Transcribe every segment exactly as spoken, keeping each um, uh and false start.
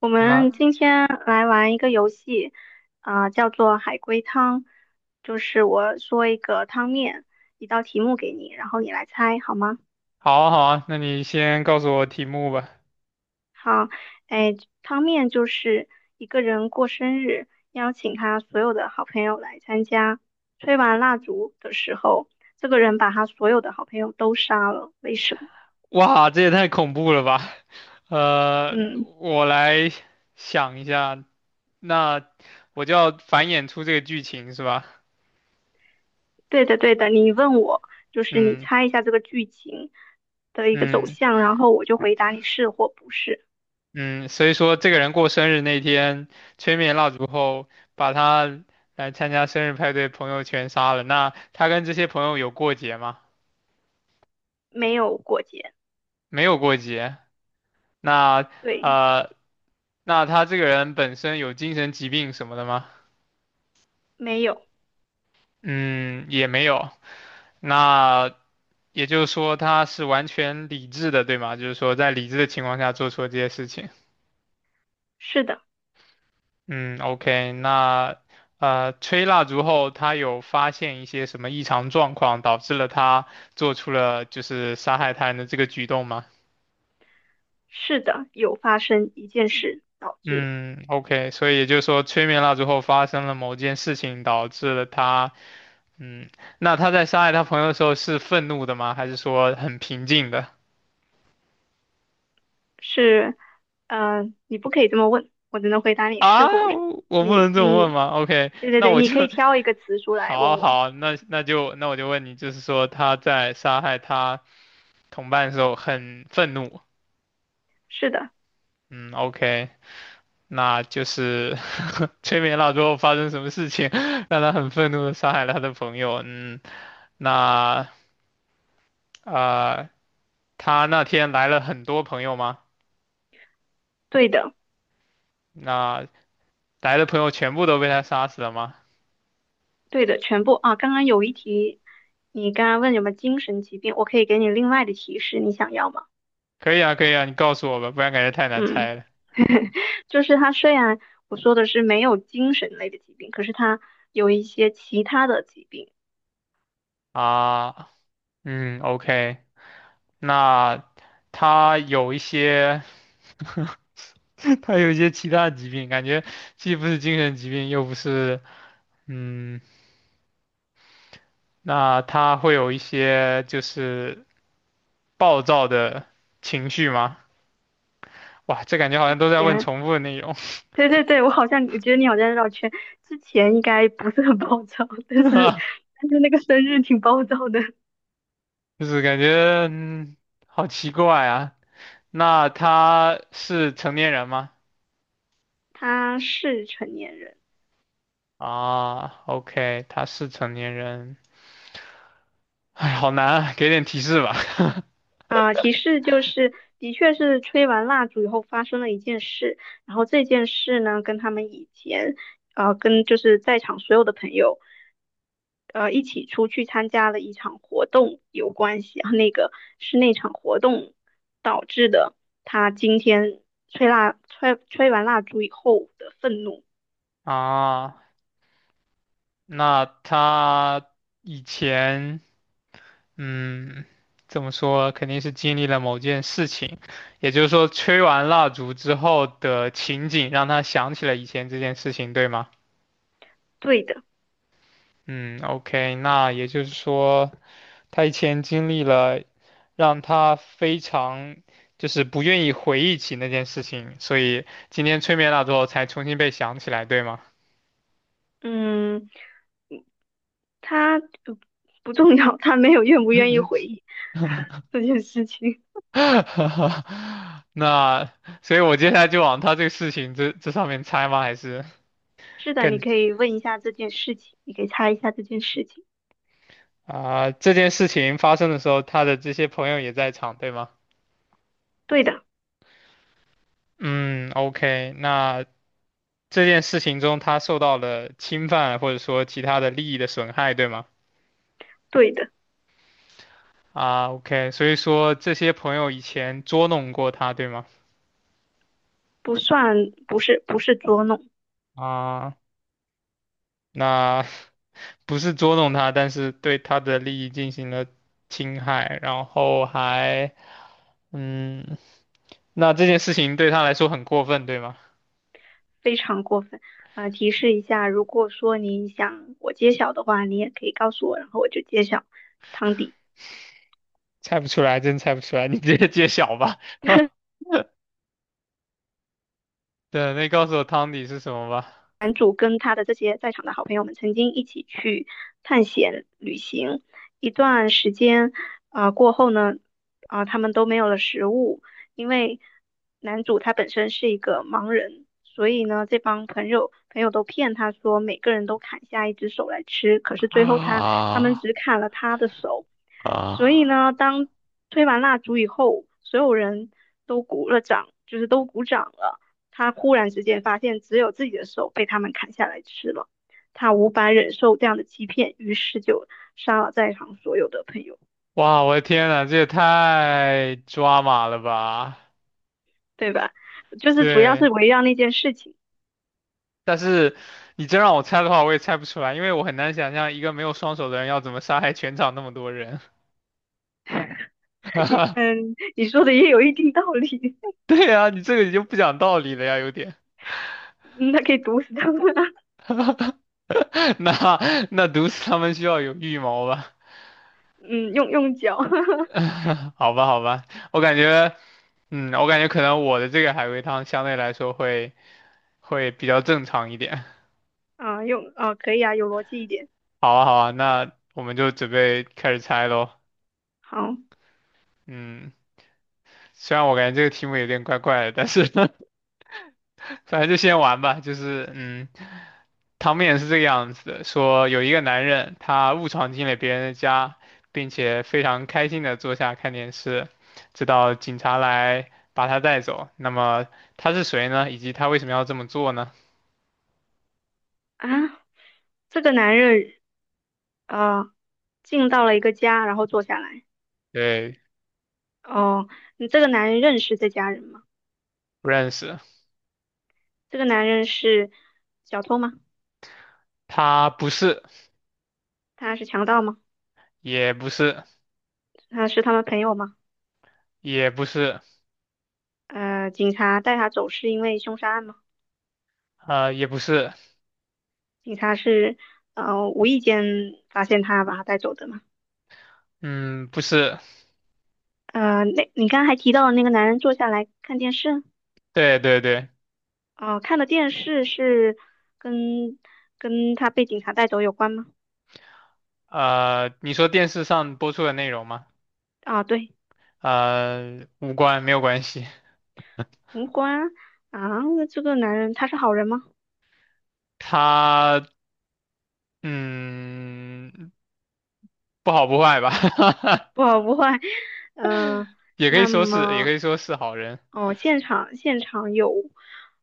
我那们今天来玩一个游戏，啊、叫做海龟汤，就是我说一个汤面，一道题目给你，然后你来猜，好吗？好啊好啊，那你先告诉我题目吧。好，哎，汤面就是一个人过生日，邀请他所有的好朋友来参加，吹完蜡烛的时候，这个人把他所有的好朋友都杀了，为什么？哇，这也太恐怖了吧！呃，嗯，我来想一下，那我就要繁衍出这个剧情是吧？对的，对的，你问我，就是你嗯猜一下这个剧情的一个走嗯向，然后我就回答你是或不是。嗯，所以说这个人过生日那天吹灭蜡烛后，把他来参加生日派对朋友全杀了。那他跟这些朋友有过节吗？没有过节，没有过节。那对，呃，那他这个人本身有精神疾病什么的吗？没有，嗯，也没有。那也就是说，他是完全理智的，对吗？就是说，在理智的情况下做出了这些事情。是的，嗯，OK，那呃，吹蜡烛后，他有发现一些什么异常状况，导致了他做出了就是杀害他人的这个举动吗？是的，有发生一件事导致的，嗯，OK，所以也就是说，吹灭蜡烛后发生了某件事情，导致了他，嗯，那他在杀害他朋友的时候是愤怒的吗？还是说很平静的？是，嗯、你不可以这么问，我只能回答你啊，是或不是，我不你能这么问你，吗？OK，对对那对，我你就 可以挑一个 词出来问好我，好，那那就那我就问你，就是说他在杀害他同伴的时候很愤怒，是的，嗯，OK，那就是 催眠了之后发生什么事情 让他很愤怒的杀害了他的朋友，嗯，那呃，他那天来了很多朋友吗？对的，那来的朋友全部都被他杀死了吗？对的，全部啊，刚刚有一题，你刚刚问有没有精神疾病，我可以给你另外的提示，你想要吗？可以啊，可以啊，你告诉我吧，不然感觉太难嗯。猜了 就是他虽然我说的是没有精神类的疾病，可是他有一些其他的疾病，啊，嗯，OK。那他有一些，他有一些其他疾病，感觉既不是精神疾病，又不是，嗯，那他会有一些就是暴躁的情绪吗？哇，这感觉好像都在问前，重复的内容，对对对，我好像觉得你好像绕圈，之前应该不是很暴躁，但是 但是那个生日挺暴躁的。就是感觉，嗯好奇怪啊。那他是成年人吗？他是成年人。啊，OK，他是成年人。哎，好难啊，给点提示吧。啊、提示就是，的确是吹完蜡烛以后发生了一件事，然后这件事呢，跟他们以前，呃，跟就是在场所有的朋友，呃，一起出去参加了一场活动有关系啊，然后那个是那场活动导致的，他今天吹蜡吹吹完蜡烛以后的愤怒，啊。那他以前，嗯，怎么说，肯定是经历了某件事情，也就是说，吹完蜡烛之后的情景让他想起了以前这件事情，对吗？对的，嗯，OK，那也就是说，他以前经历了让他非常就是不愿意回忆起那件事情，所以今天吹灭蜡烛后才重新被想起来，对吗？嗯，他呃不重要，他没有愿不愿意回 忆 这件事情。那所以，我接下来就往他这个事情这这上面猜吗？还是是的，你更可以问一下这件事情，你可以猜一下这件事情。啊、这件事情发生的时候，他的这些朋友也在场，对吗？对的，嗯，OK，那这件事情中他受到了侵犯，或者说其他的利益的损害，对吗？对的，啊，OK，所以说这些朋友以前捉弄过他，对吗？不算，不是，不是捉弄，啊。那 不是捉弄他，但是对他的利益进行了侵害，然后还，嗯，那这件事情对他来说很过分，对吗？非常过分。呃，提示一下，如果说你想我揭晓的话，你也可以告诉我，然后我就揭晓汤底。猜不出来，真猜不出来，你直接揭晓吧。对，那你告诉我汤底是什么吧。男主跟他的这些在场的好朋友们曾经一起去探险旅行一段时间，啊、呃过后呢，啊、呃他们都没有了食物，因为男主他本身是一个盲人，所以呢，这帮朋友朋友都骗他说每个人都砍下一只手来吃，可是最后他他们啊只砍了他的手，所以啊！呢，当吹完蜡烛以后，所有人都鼓了掌，就是都鼓掌了。他忽然之间发现只有自己的手被他们砍下来吃了，他无法忍受这样的欺骗，于是就杀了在场所有的朋友，哇，我的天呐，这也太抓马了吧！对吧？就是主要是对。围绕那件事情。但是你真让我猜的话，我也猜不出来，因为我很难想象一个没有双手的人要怎么杀害全场那么多人。你 嗯，你说的也有一定道理。对呀，你这个你就不讲道理了呀，有点。嗯，他可以毒死他们啊。那那毒死他们需要有预谋吧？嗯，用用脚 好吧，好吧，我感觉，嗯，我感觉可能我的这个海龟汤相对来说会会比较正常一点。啊，用啊，可以啊，有逻辑一点。好啊，好啊，那我们就准备开始猜喽。好嗯，虽然我感觉这个题目有点怪怪的，但是 反正就先玩吧，就是嗯，汤面是这个样子的，说有一个男人，他误闯进了别人的家，并且非常开心的坐下看电视，直到警察来把他带走。那么他是谁呢？以及他为什么要这么做呢？啊，这个男人啊，进到了一个家，然后坐下来。对，哦，你这个男人认识这家人吗？不认识，这个男人是小偷吗？他不是，他是强盗吗？也不是，他是他们朋友吗？也不是，呃，警察带他走是因为凶杀案吗？呃，也不是，警察是呃无意间发现他把他带走的吗？嗯，不是，呃，那你刚刚还提到那个男人坐下来看电视，对对对，哦、看的电视是跟跟他被警察带走有关吗？呃，你说电视上播出的内容吗？啊，对，呃，无关，没有关系。无关啊。啊，那这个男人他是好人吗？他嗯不好不坏吧，不好不坏，嗯、也可以那说是也么可以说是好人哦，现场现场有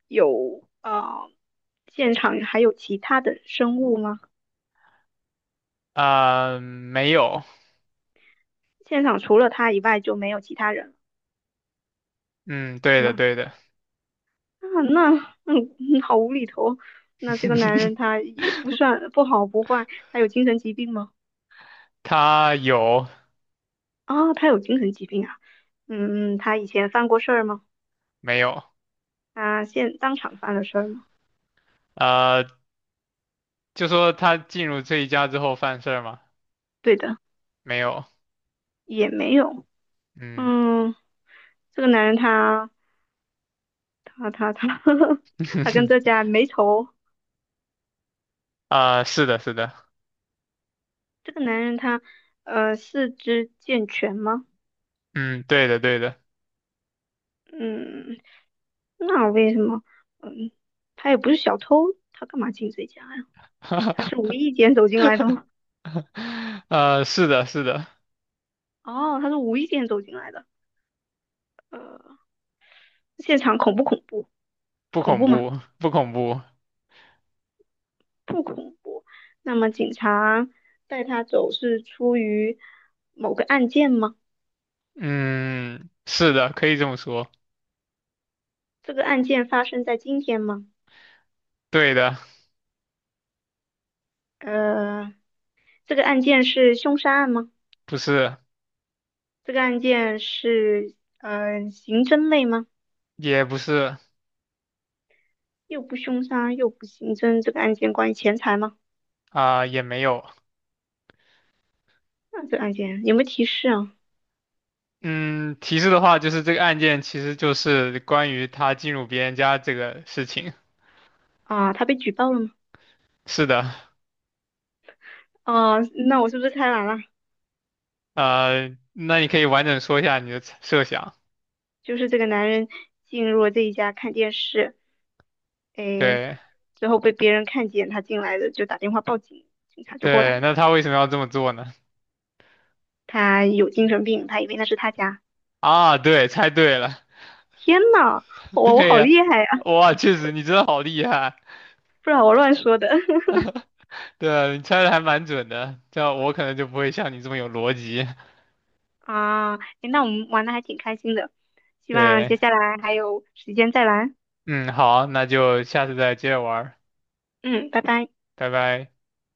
有呃，现场还有其他的生物吗？啊、没有，现场除了他以外就没有其他人了，嗯，对是的吗？对的，啊，那嗯，嗯好无厘头。那这个男 人他也不算不好不坏，他有精神疾病吗？他有啊、他有精神疾病啊。嗯，他以前犯过事儿吗？没有？他现当场犯了事儿吗？呃，就说他进入这一家之后犯事儿吗？对的，没有，也没有。嗯，嗯，这个男人他他他他 他跟这 家没仇。啊、是的是的，这个男人他呃四肢健全吗？嗯，对的对的，嗯，那为什么？嗯，他也不是小偷，他干嘛进这家呀？他是无 意间走进来的吗？呃，是的是的，哦，他是无意间走进来的。呃，现场恐不恐怖？不恐恐怖吗？怖不恐怖，不恐怖。那么警察带他走是出于某个案件吗？嗯，是的，可以这么说，这个案件发生在今天吗？对的，呃，这个案件是凶杀案吗？不是。这个案件是呃刑侦类吗？也不是又不凶杀又不刑侦，这个案件关于钱财吗？啊、也没有。那这个案件有没有提示啊？嗯，提示的话就是这个案件其实就是关于他进入别人家这个事情。啊，他被举报了吗？是的，哦、那我是不是猜完了？呃，那你可以完整说一下你的猜设想。就是这个男人进入了这一家看电视，诶，对之后被别人看见他进来的，就打电话报警，警察就过来了。对，那他为什么要这么做呢？他有精神病，他以为那是他家。啊，对，猜对了，天呐，我我对好呀、厉害啊！哇，确实你真的好厉害，不然我乱说的。对啊，你猜的还蛮准的，这样我可能就不会像你这么有逻辑。啊，诶那我们玩的还挺开心的，希望对，接下来还有时间再玩。嗯，好，那就下次再接着玩儿嗯，拜拜。拜拜。